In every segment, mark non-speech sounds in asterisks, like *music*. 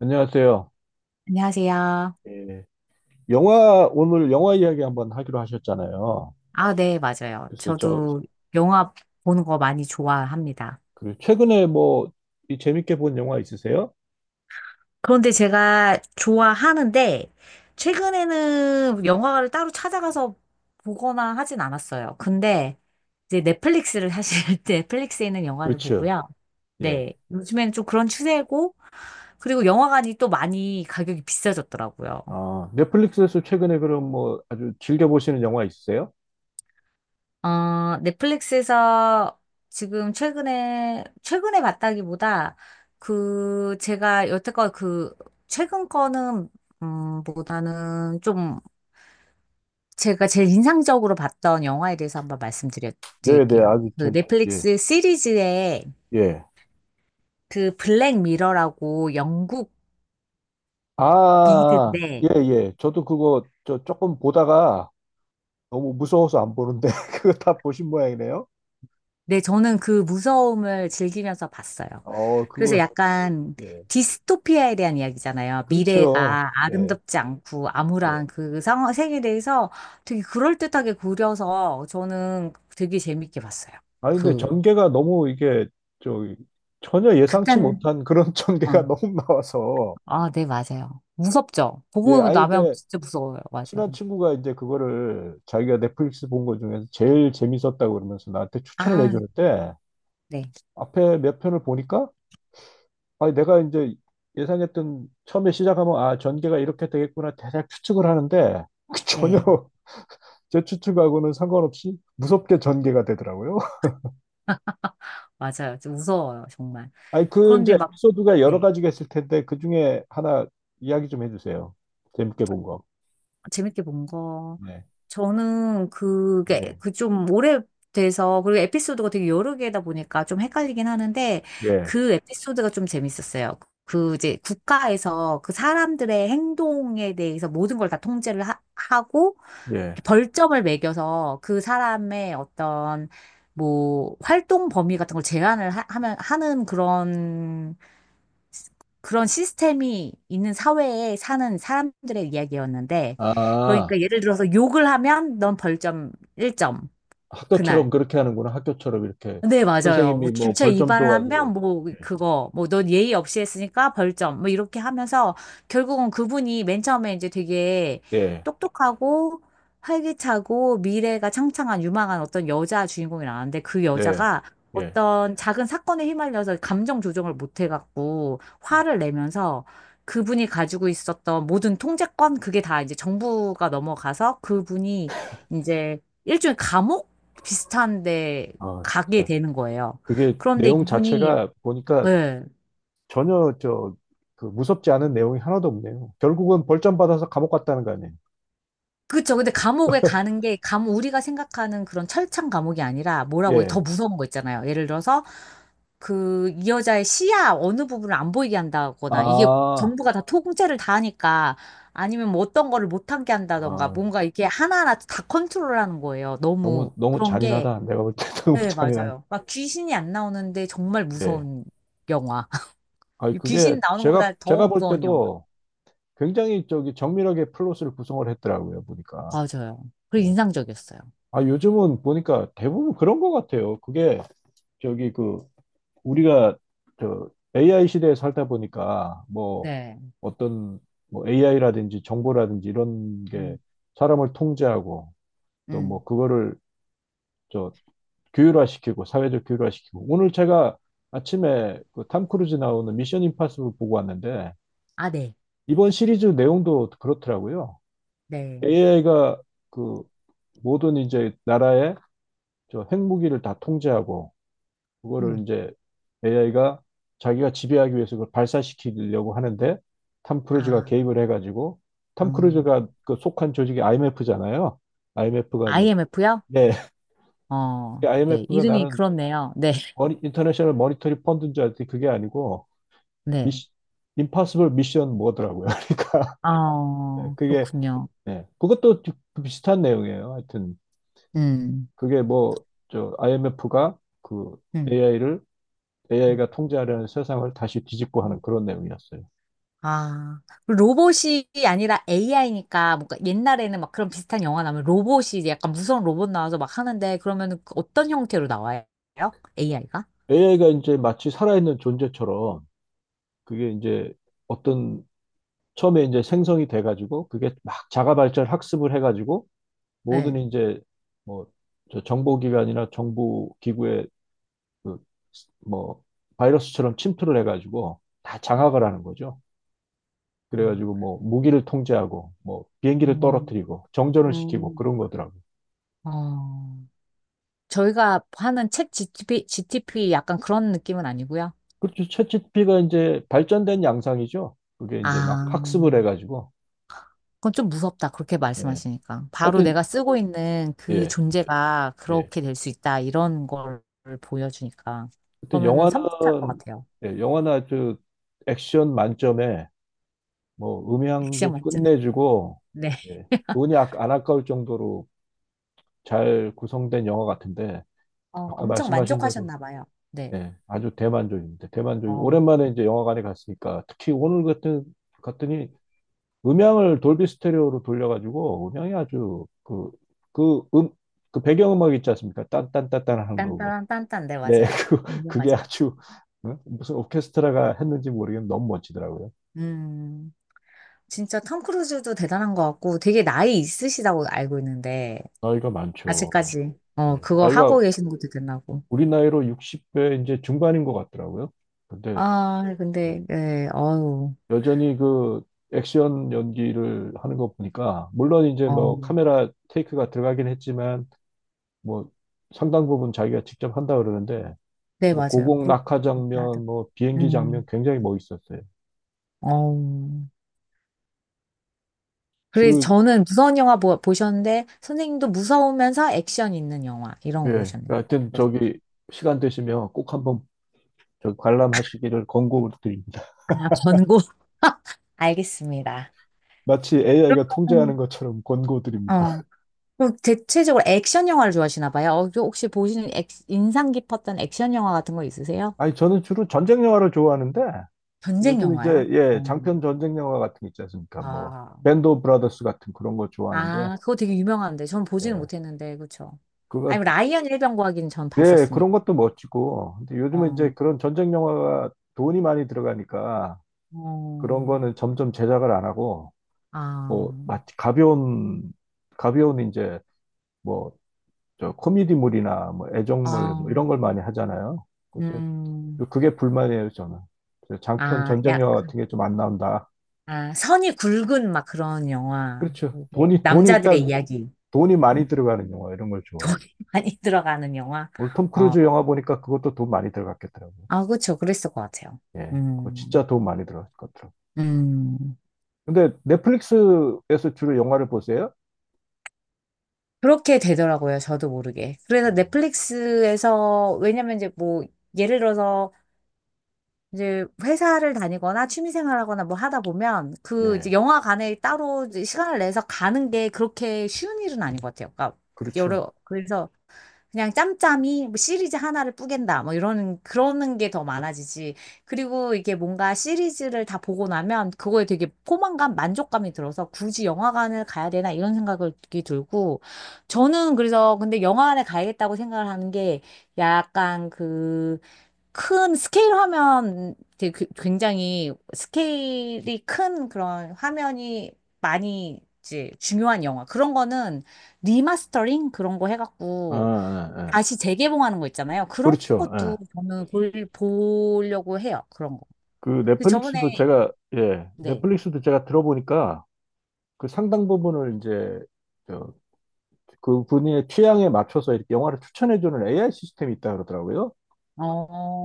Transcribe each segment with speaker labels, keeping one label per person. Speaker 1: 안녕하세요.
Speaker 2: 안녕하세요.
Speaker 1: 예, 오늘 영화 이야기 한번 하기로 하셨잖아요.
Speaker 2: 아, 네, 맞아요.
Speaker 1: 그래서 저,
Speaker 2: 저도 영화 보는 거 많이 좋아합니다.
Speaker 1: 그 최근에 뭐, 이 재밌게 본 영화 있으세요?
Speaker 2: 그런데 제가 좋아하는데, 최근에는 영화를 따로 찾아가서 보거나 하진 않았어요. 근데 이제 넷플릭스를 사실 *laughs* 넷플릭스에 있는 영화를
Speaker 1: 그렇죠.
Speaker 2: 보고요.
Speaker 1: 예.
Speaker 2: 네, 요즘에는 좀 그런 추세고, 그리고 영화관이 또 많이 가격이 비싸졌더라고요.
Speaker 1: 아, 넷플릭스에서 최근에 그럼 뭐 아주 즐겨보시는 영화 있으세요?
Speaker 2: 넷플릭스에서 지금 최근에 봤다기보다 그, 제가 여태껏 그, 최근 거는, 보다는 좀 제가 제일 인상적으로 봤던 영화에 대해서 한번 말씀드려
Speaker 1: 네네,
Speaker 2: 드릴게요. 그
Speaker 1: 예,
Speaker 2: 넷플릭스 시리즈에
Speaker 1: 예.
Speaker 2: 그 블랙 미러라고 영국
Speaker 1: 아, 예,
Speaker 2: 미드인데
Speaker 1: 예. 저도 그거 저 조금 보다가 너무 무서워서 안 보는데, *laughs* 그거 다 보신 모양이네요.
Speaker 2: 네, 저는 그 무서움을 즐기면서 봤어요.
Speaker 1: 어,
Speaker 2: 그래서
Speaker 1: 그거,
Speaker 2: 약간
Speaker 1: 예.
Speaker 2: 디스토피아에 대한 이야기잖아요.
Speaker 1: 그렇죠.
Speaker 2: 미래가
Speaker 1: 예,
Speaker 2: 아름답지 않고
Speaker 1: 예.
Speaker 2: 암울한 그 상황, 세계에 대해서 되게 그럴듯하게 그려서 저는 되게 재밌게 봤어요.
Speaker 1: 아니, 근데
Speaker 2: 그,
Speaker 1: 전개가 너무 이게, 저, 전혀 예상치
Speaker 2: 극단, 네.
Speaker 1: 못한 그런 *laughs* 전개가 너무 나와서,
Speaker 2: 아, 네, 맞아요. 무섭죠?
Speaker 1: 예,
Speaker 2: 보고
Speaker 1: 아니,
Speaker 2: 나면
Speaker 1: 근데
Speaker 2: 진짜 무서워요. 맞아요.
Speaker 1: 친한 친구가 이제 그거를 자기가 넷플릭스 본 거 중에서 제일 재밌었다고 그러면서 나한테 추천을
Speaker 2: 아,
Speaker 1: 해줬는데,
Speaker 2: 네,
Speaker 1: 앞에 몇 편을 보니까, 아니, 내가 이제 예상했던, 처음에 시작하면, 아, 전개가 이렇게 되겠구나, 대략 추측을 하는데, *laughs* 전혀
Speaker 2: 네,
Speaker 1: 제 추측하고는 상관없이 무섭게 전개가 되더라고요.
Speaker 2: 맞아요. 좀 무서워요, 정말.
Speaker 1: 아니, 그 이제
Speaker 2: 그런데 막,
Speaker 1: 에피소드가 여러
Speaker 2: 네.
Speaker 1: 가지가 있을 텐데 그 중에 하나 이야기 좀 해주세요. 재밌게 본 거.
Speaker 2: 재밌게 본 거.
Speaker 1: 예,
Speaker 2: 저는 그게,
Speaker 1: 예,
Speaker 2: 그 좀 오래돼서, 그리고 에피소드가 되게 여러 개다 보니까 좀 헷갈리긴 하는데,
Speaker 1: 예,
Speaker 2: 그 에피소드가 좀 재밌었어요. 그 이제 국가에서 그 사람들의 행동에 대해서 모든 걸 다 통제를 하고,
Speaker 1: 예.
Speaker 2: 벌점을 매겨서 그 사람의 어떤, 뭐, 활동 범위 같은 걸 제한을 하는 그런 시스템이 있는 사회에 사는 사람들의 이야기였는데,
Speaker 1: 아,
Speaker 2: 그러니까 예를 들어서 욕을 하면 넌 벌점 1점,
Speaker 1: 학교처럼
Speaker 2: 그날.
Speaker 1: 그렇게 하는구나. 학교처럼 이렇게
Speaker 2: 네, 맞아요. 뭐
Speaker 1: 선생님이 뭐
Speaker 2: 주차
Speaker 1: 벌점
Speaker 2: 위반을 하면
Speaker 1: 줘가지고.
Speaker 2: 뭐
Speaker 1: 예,
Speaker 2: 그거 뭐 넌 예의 없이 했으니까 벌점 뭐 이렇게 하면서 결국은 그분이 맨 처음에 이제 되게
Speaker 1: 예,
Speaker 2: 똑똑하고 활기차고 미래가 창창한 유망한 어떤 여자 주인공이 나왔는데 그
Speaker 1: 네,
Speaker 2: 여자가
Speaker 1: 예.
Speaker 2: 어떤 작은 사건에 휘말려서 감정 조정을 못 해갖고 화를 내면서 그분이 가지고 있었던 모든 통제권 그게 다 이제 정부가 넘어가서 그분이 이제 일종의 감옥 비슷한데
Speaker 1: 아,
Speaker 2: 가게
Speaker 1: 진짜
Speaker 2: 되는 거예요.
Speaker 1: 그게
Speaker 2: 그런데
Speaker 1: 내용
Speaker 2: 이분이,
Speaker 1: 자체가 보니까
Speaker 2: 예.
Speaker 1: 전혀 저 그 무섭지 않은 내용이 하나도 없네요. 결국은 벌점 받아서 감옥 갔다는 거 아니에요?
Speaker 2: 그쵸. 근데 감옥에 가는 게, 우리가 생각하는 그런 철창 감옥이 아니라 뭐라고, 더
Speaker 1: 예.
Speaker 2: 무서운 거 있잖아요. 예를 들어서, 그, 이 여자의 시야 어느 부분을 안 보이게 한다거나, 이게
Speaker 1: 아,
Speaker 2: 정부가 다 통제를 다 하니까, 아니면 뭐 어떤 거를 못하게 한다던가,
Speaker 1: 아,
Speaker 2: 뭔가 이게 하나하나 다 컨트롤하는 거예요. 너무
Speaker 1: 너무 너무
Speaker 2: 그런 게,
Speaker 1: 잔인하다. 내가 볼 때 *laughs* 너무
Speaker 2: 네,
Speaker 1: 잔인하네.
Speaker 2: 맞아요. 막 귀신이 안 나오는데 정말
Speaker 1: 예.
Speaker 2: 무서운 영화. *laughs*
Speaker 1: 아니, 그게
Speaker 2: 귀신 나오는
Speaker 1: 제가,
Speaker 2: 것보다
Speaker 1: 제가
Speaker 2: 더
Speaker 1: 볼
Speaker 2: 무서운 영화.
Speaker 1: 때도 굉장히 저기 정밀하게 플롯을 구성을 했더라고요, 보니까.
Speaker 2: 맞아요. 그리고
Speaker 1: 예.
Speaker 2: 인상적이었어요.
Speaker 1: 아, 요즘은 보니까 대부분 그런 것 같아요. 그게 저기 그, 우리가 저 AI 시대에 살다 보니까 뭐
Speaker 2: 네.
Speaker 1: 어떤 뭐 AI라든지 정보라든지 이런 게
Speaker 2: 음,
Speaker 1: 사람을 통제하고 또 뭐
Speaker 2: 음.
Speaker 1: 그거를 저 규율화시키고 사회적 규율화시키고 오늘 제가 아침에 그 탐 크루즈 나오는 미션 임파서블 보고 왔는데
Speaker 2: 아, 네.
Speaker 1: 이번 시리즈 내용도 그렇더라고요.
Speaker 2: 네.
Speaker 1: AI가 그 모든 이제 나라의 저 핵무기를 다 통제하고 그거를
Speaker 2: 어머.
Speaker 1: 이제 AI가 자기가 지배하기 위해서 그걸 발사시키려고 하는데 탐 크루즈가
Speaker 2: 아,
Speaker 1: 개입을 해가지고 탐
Speaker 2: 음.
Speaker 1: 크루즈가 그 속한 조직이 IMF잖아요. IMF가 이제
Speaker 2: IMF요?
Speaker 1: 네. *laughs*
Speaker 2: 어, 네.
Speaker 1: IMF가
Speaker 2: 이름이
Speaker 1: 나는
Speaker 2: 그렇네요. 네. *laughs*
Speaker 1: 머니, 인터내셔널 머니터리 펀드인 줄 알았더니 그게 아니고
Speaker 2: 네.
Speaker 1: 미시, 임파서블 미션 뭐더라고요. *laughs* 그러니까
Speaker 2: 어,
Speaker 1: 그게
Speaker 2: 그렇군요.
Speaker 1: 예. 그것도 비슷한 내용이에요. 하여튼
Speaker 2: 음.
Speaker 1: 그게 뭐 저 IMF가 그
Speaker 2: 음,
Speaker 1: AI를
Speaker 2: 음,
Speaker 1: AI가 통제하려는 세상을 다시 뒤집고 하는
Speaker 2: 음.
Speaker 1: 그런 내용이었어요.
Speaker 2: 아, 그리고 로봇이 아니라 AI니까 뭔가 옛날에는 막 그런 비슷한 영화 나오면 로봇이 이제 약간 무서운 로봇 나와서 막 하는데 그러면 어떤 형태로 나와요? AI가?
Speaker 1: AI가 이제 마치 살아있는 존재처럼 그게 이제 어떤 처음에 이제 생성이 돼가지고 그게 막 자가 발전 학습을 해가지고 모든
Speaker 2: 네.
Speaker 1: 이제 뭐 저 정보기관이나 정부 기구의 그뭐 바이러스처럼 침투를 해가지고 다 장악을 하는 거죠.
Speaker 2: 아,
Speaker 1: 그래가지고 뭐 무기를 통제하고 뭐 비행기를
Speaker 2: 음,
Speaker 1: 떨어뜨리고 정전을 시키고
Speaker 2: 음,
Speaker 1: 그런 거더라고.
Speaker 2: 어. 저희가 하는 책 GTP 약간 그런 느낌은 아니고요.
Speaker 1: 그렇죠. 챗지피가 이제 발전된 양상이죠. 그게 이제 막
Speaker 2: 아,
Speaker 1: 학습을 해가지고.
Speaker 2: 그건 좀 무섭다. 그렇게
Speaker 1: 예.
Speaker 2: 말씀하시니까. 바로
Speaker 1: 하여튼
Speaker 2: 내가 쓰고 있는 그
Speaker 1: 예,
Speaker 2: 존재가
Speaker 1: 예.
Speaker 2: 그렇게 될 수 있다. 이런 걸 보여주니까.
Speaker 1: 하여튼
Speaker 2: 그러면은 섬뜩할 것
Speaker 1: 영화는
Speaker 2: 같아요.
Speaker 1: 예, 영화나 그 액션 만점에 뭐
Speaker 2: 액션
Speaker 1: 음향도
Speaker 2: 맞죠?
Speaker 1: 끝내주고
Speaker 2: *laughs* 네.
Speaker 1: 예. 돈이 안 아까울 정도로 잘 구성된 영화 같은데
Speaker 2: 어,
Speaker 1: 아까
Speaker 2: 엄청
Speaker 1: 말씀하신 대로
Speaker 2: 만족하셨나 봐요. 네.
Speaker 1: 네, 아주 대만족입니다. 대만족
Speaker 2: 어,
Speaker 1: 오랜만에 이제 영화관에 갔으니까 특히 오늘 같은 갔더니 음향을 돌비 스테레오로 돌려가지고 음향이 아주 그 그 그 배경음악 있지 않습니까? 딴딴딴딴 하는 거고.
Speaker 2: 딴딴딴딴. 네,
Speaker 1: 예,
Speaker 2: 맞아요.
Speaker 1: *laughs* 그 그게
Speaker 2: 유명하죠.
Speaker 1: 아주 응? 무슨 오케스트라가 했는지 모르겠는데 너무 멋지더라고요.
Speaker 2: 음, 진짜 톰 크루즈도 대단한 것 같고 되게 나이 있으시다고 알고 있는데
Speaker 1: 나이가 많죠.
Speaker 2: 아직까지. 어,
Speaker 1: 예,
Speaker 2: 그거 하고
Speaker 1: 나이가
Speaker 2: 계시는 것도 대단하고.
Speaker 1: 우리 나이로 60대 이제 중반인 것 같더라고요. 근데
Speaker 2: 아,
Speaker 1: 예,
Speaker 2: 근데, 예, 어우,
Speaker 1: 여전히 그 액션 연기를 하는 거 보니까 물론 이제 뭐
Speaker 2: 어.
Speaker 1: 카메라 테이크가 들어가긴 했지만 뭐 상당 부분 자기가 직접 한다 그러는데
Speaker 2: 네,
Speaker 1: 뭐
Speaker 2: 맞아요.
Speaker 1: 고공 낙하
Speaker 2: 나도.
Speaker 1: 장면, 뭐 비행기 장면
Speaker 2: 음,
Speaker 1: 굉장히 멋있었어요.
Speaker 2: 어우. 그래서
Speaker 1: 그
Speaker 2: 저는 무서운 영화 보셨는데, 선생님도 무서우면서 액션 있는 영화, 이런 거
Speaker 1: 예,
Speaker 2: 보셨네요.
Speaker 1: 하여튼
Speaker 2: 그렇습니다.
Speaker 1: 저기 시간 되시면 꼭 한번 저 관람하시기를 권고드립니다. *laughs*
Speaker 2: 아, 권고. *laughs* 알겠습니다.
Speaker 1: 마치 AI가 통제하는
Speaker 2: 음.
Speaker 1: 것처럼 권고드립니다.
Speaker 2: 어. 그럼 대체적으로 액션 영화를 좋아하시나 봐요. 어, 저 혹시 보시는 인상 깊었던 액션 영화 같은 거 있으세요?
Speaker 1: 아니, 저는 주로 전쟁 영화를 좋아하는데
Speaker 2: 전쟁
Speaker 1: 요즘 이제
Speaker 2: 영화요?
Speaker 1: 예
Speaker 2: 어.
Speaker 1: 장편 전쟁 영화 같은 게 있지 않습니까? 뭐
Speaker 2: 아.
Speaker 1: 밴드 오브 브라더스 같은 그런 거 좋아하는데
Speaker 2: 아, 그거 되게 유명한데. 전 보지는
Speaker 1: 예,
Speaker 2: 못했는데, 그쵸? 아니,
Speaker 1: 그거
Speaker 2: 라이언 일병과학는전
Speaker 1: 예, 그런
Speaker 2: 봤었습니다.
Speaker 1: 것도 멋지고 근데 요즘은 이제
Speaker 2: 어,
Speaker 1: 그런 전쟁 영화가 돈이 많이 들어가니까 그런
Speaker 2: 어,
Speaker 1: 거는 점점 제작을 안 하고
Speaker 2: 아,
Speaker 1: 뭐 마치 가벼운 가벼운 이제 뭐 저 코미디물이나 뭐 애정물 뭐
Speaker 2: 아,
Speaker 1: 이런 걸 많이 하잖아요. 그제-
Speaker 2: 음,
Speaker 1: 그게 불만이에요, 저는. 장편
Speaker 2: 아,
Speaker 1: 전쟁 영화 같은 게 좀 안 나온다.
Speaker 2: 아, 선이 굵은 막 그런 영화.
Speaker 1: 그렇죠.
Speaker 2: 이게
Speaker 1: 돈이
Speaker 2: 남자들의
Speaker 1: 일단
Speaker 2: 이야기.
Speaker 1: 돈이
Speaker 2: 그런
Speaker 1: 많이
Speaker 2: 거.
Speaker 1: 들어가는 영화 이런 걸
Speaker 2: 돈이
Speaker 1: 좋아해요.
Speaker 2: *laughs* 많이 들어가는 영화.
Speaker 1: 오늘 톰
Speaker 2: 어,
Speaker 1: 크루즈 영화 보니까 그것도 돈 많이 들어갔겠더라고요.
Speaker 2: 아, 그쵸. 그랬을 것 같아요.
Speaker 1: 예, 그거
Speaker 2: 음,
Speaker 1: 진짜 돈 많이 들어갔을 것 같더라고요.
Speaker 2: 음.
Speaker 1: 근데 넷플릭스에서 주로 영화를 보세요?
Speaker 2: 그렇게 되더라고요. 저도 모르게. 그래서 넷플릭스에서, 왜냐면 이제 뭐, 예를 들어서 이제 회사를 다니거나 취미생활하거나 뭐 하다 보면 그 이제
Speaker 1: 네,
Speaker 2: 영화관에 따로 이제 시간을 내서 가는 게 그렇게 쉬운 일은 아닌 것 같아요. 그러니까
Speaker 1: 그렇죠.
Speaker 2: 여러 그래서 그냥 짬짬이 뭐 시리즈 하나를 뿌갠다 뭐 이런 그러는 게 더 많아지지. 그리고 이게 뭔가 시리즈를 다 보고 나면 그거에 되게 포만감, 만족감이 들어서 굳이 영화관을 가야 되나 이런 생각이 들고 저는 그래서 근데 영화관에 가야겠다고 생각을 하는 게 약간 그 큰 스케일 화면 되게 굉장히 스케일이 큰 그런 화면이 많이 이제 중요한 영화 그런 거는 리마스터링 그런 거
Speaker 1: 아,
Speaker 2: 해갖고
Speaker 1: 아, 아.
Speaker 2: 다시 재개봉하는 거 있잖아요. 그런
Speaker 1: 그렇죠.
Speaker 2: 것도
Speaker 1: 예.
Speaker 2: 저는 보려고 해요. 그런 거.
Speaker 1: 그
Speaker 2: 근데 저번에
Speaker 1: 넷플릭스도 제가 예,
Speaker 2: 네.
Speaker 1: 넷플릭스도 제가 들어보니까 그 상당 부분을 이제 저, 그 분의 취향에 맞춰서 이렇게 영화를 추천해주는 AI 시스템이 있다 그러더라고요.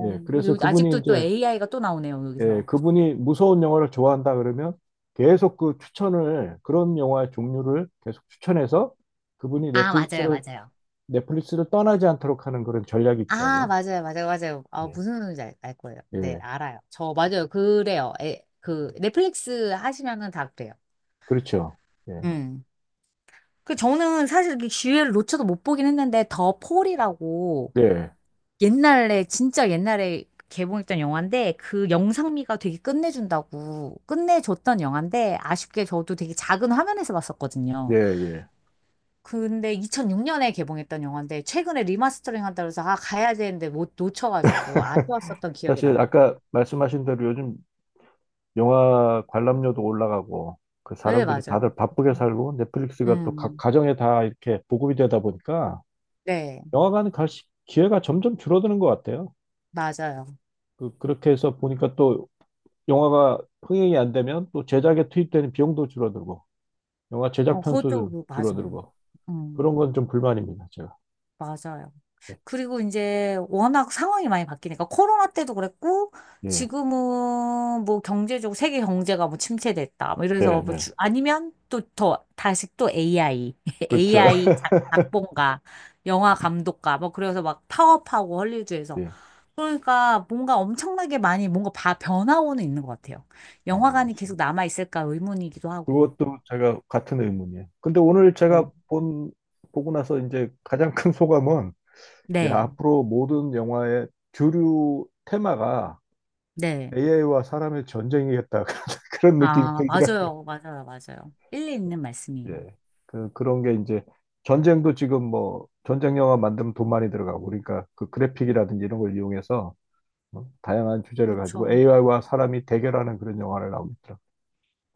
Speaker 1: 예, 그래서
Speaker 2: 그리고
Speaker 1: 그분이
Speaker 2: 아직도 또
Speaker 1: 이제
Speaker 2: AI가 또 나오네요,
Speaker 1: 예,
Speaker 2: 여기서.
Speaker 1: 그분이 무서운 영화를 좋아한다 그러면 계속 그 추천을, 그런 영화의 종류를 계속 추천해서 그분이
Speaker 2: 아, 맞아요,
Speaker 1: 넷플릭스를,
Speaker 2: 맞아요.
Speaker 1: 넷플릭스를 떠나지 않도록 하는 그런 전략이
Speaker 2: 아,
Speaker 1: 있더라고요.
Speaker 2: 맞아요, 맞아요, 맞아요. 아,
Speaker 1: 네.
Speaker 2: 무슨 소리인지 알 거예요. 네,
Speaker 1: 예,
Speaker 2: 알아요. 저, 맞아요. 그래요. 에, 그, 넷플릭스 하시면은 다 그래요.
Speaker 1: 그렇죠. 예,
Speaker 2: 음. 그 저는 사실 그 기회를 놓쳐도 못 보긴 했는데 더 폴이라고
Speaker 1: 예,
Speaker 2: 옛날에 진짜 옛날에 개봉했던 영화인데 그 영상미가 되게 끝내준다고 끝내줬던 영화인데 아쉽게 저도 되게 작은 화면에서
Speaker 1: 예,
Speaker 2: 봤었거든요.
Speaker 1: 예.
Speaker 2: 근데 2006년에 개봉했던 영화인데 최근에 리마스터링 한다고 해서 아 가야 되는데 못 놓쳐가지고 아쉬웠었던 기억이
Speaker 1: 사실
Speaker 2: 나요.
Speaker 1: 아까 말씀하신 대로 요즘 영화 관람료도 올라가고 그
Speaker 2: 네,
Speaker 1: 사람들이
Speaker 2: 맞아요.
Speaker 1: 다들 바쁘게 살고 넷플릭스가 또
Speaker 2: 음,
Speaker 1: 가정에 다 이렇게 보급이 되다 보니까
Speaker 2: 네,
Speaker 1: 영화관 갈 기회가 점점 줄어드는 것 같아요.
Speaker 2: 맞아요.
Speaker 1: 그렇게 해서 보니까 또 영화가 흥행이 안 되면 또 제작에 투입되는 비용도 줄어들고, 영화 제작
Speaker 2: 어,
Speaker 1: 편수도
Speaker 2: 맞아요.
Speaker 1: 줄어들고,
Speaker 2: 음,
Speaker 1: 그런 건 좀 불만입니다, 제가.
Speaker 2: 맞아요. 그리고 이제 워낙 상황이 많이 바뀌니까 코로나 때도 그랬고
Speaker 1: 예,
Speaker 2: 지금은 뭐 경제적으로 세계 경제가 뭐 침체됐다. 뭐
Speaker 1: 네,
Speaker 2: 이래서
Speaker 1: 네.
Speaker 2: 아니면 또 더 다시 또 AI,
Speaker 1: 그렇죠.
Speaker 2: AI *laughs*
Speaker 1: *laughs*
Speaker 2: 작본가, 영화 감독가 뭐 그래서 막 파업하고 헐리우드에서
Speaker 1: 예.
Speaker 2: 그러니까 뭔가 엄청나게 많이 뭔가 변화오는 있는 것 같아요.
Speaker 1: 아,
Speaker 2: 영화관이 계속
Speaker 1: 맞습니다.
Speaker 2: 남아있을까 의문이기도 하고.
Speaker 1: 그것도 제가 같은 의문이에요. 근데 오늘
Speaker 2: 네.
Speaker 1: 제가 본, 보고 나서 이제 가장 큰 소감은, 야,
Speaker 2: 네,
Speaker 1: 앞으로 모든 영화의 주류 테마가
Speaker 2: 네.
Speaker 1: AI와 사람의 전쟁이겠다. *laughs* 그런 느낌이
Speaker 2: 아,
Speaker 1: 들더라고요.
Speaker 2: 맞아요. 맞아요. 맞아요. 일리 있는 말씀이에요.
Speaker 1: 예. 그, 그런 게 이제 전쟁도 지금 뭐 전쟁 영화 만들면 돈 많이 들어가고 그러니까 그 그래픽이라든지 이런 걸 이용해서 뭐 다양한 주제를 가지고
Speaker 2: 그렇죠.
Speaker 1: AI와 사람이 대결하는 그런 영화를 나오고 있더라고요.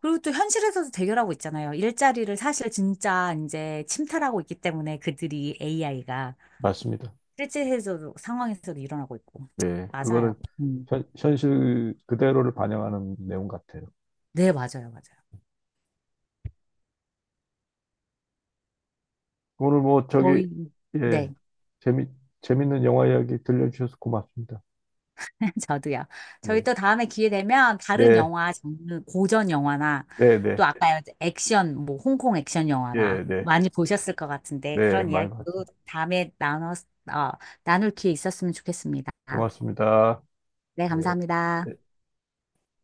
Speaker 2: 그리고 또 현실에서도 대결하고 있잖아요. 일자리를 사실 진짜 이제 침탈하고 있기 때문에 그들이 AI가
Speaker 1: 맞습니다.
Speaker 2: 실제에서도 상황에서도 일어나고 있고.
Speaker 1: 예.
Speaker 2: 맞아요.
Speaker 1: 그거를
Speaker 2: 음.
Speaker 1: 현실 그대로를 반영하는 내용 같아요.
Speaker 2: 네, 맞아요. 맞아요.
Speaker 1: 오늘 뭐 저기
Speaker 2: 저희,
Speaker 1: 예.
Speaker 2: 네.
Speaker 1: 재미 재밌는 영화 이야기 들려주셔서 고맙습니다.
Speaker 2: *laughs* 저도요. 저희
Speaker 1: 예.
Speaker 2: 또 다음에 기회 되면 다른
Speaker 1: 네.
Speaker 2: 영화 장르, 고전 영화나
Speaker 1: 네, 네.
Speaker 2: 또 아까 액션, 뭐 홍콩 액션
Speaker 1: 예,
Speaker 2: 영화나
Speaker 1: 네.
Speaker 2: 많이 보셨을 것 같은데
Speaker 1: 네,
Speaker 2: 그런
Speaker 1: 많이 봤죠.
Speaker 2: 이야기도 다음에 어, 나눌 기회 있었으면 좋겠습니다.
Speaker 1: 고맙습니다.
Speaker 2: 네,
Speaker 1: 네.
Speaker 2: 감사합니다.
Speaker 1: 예.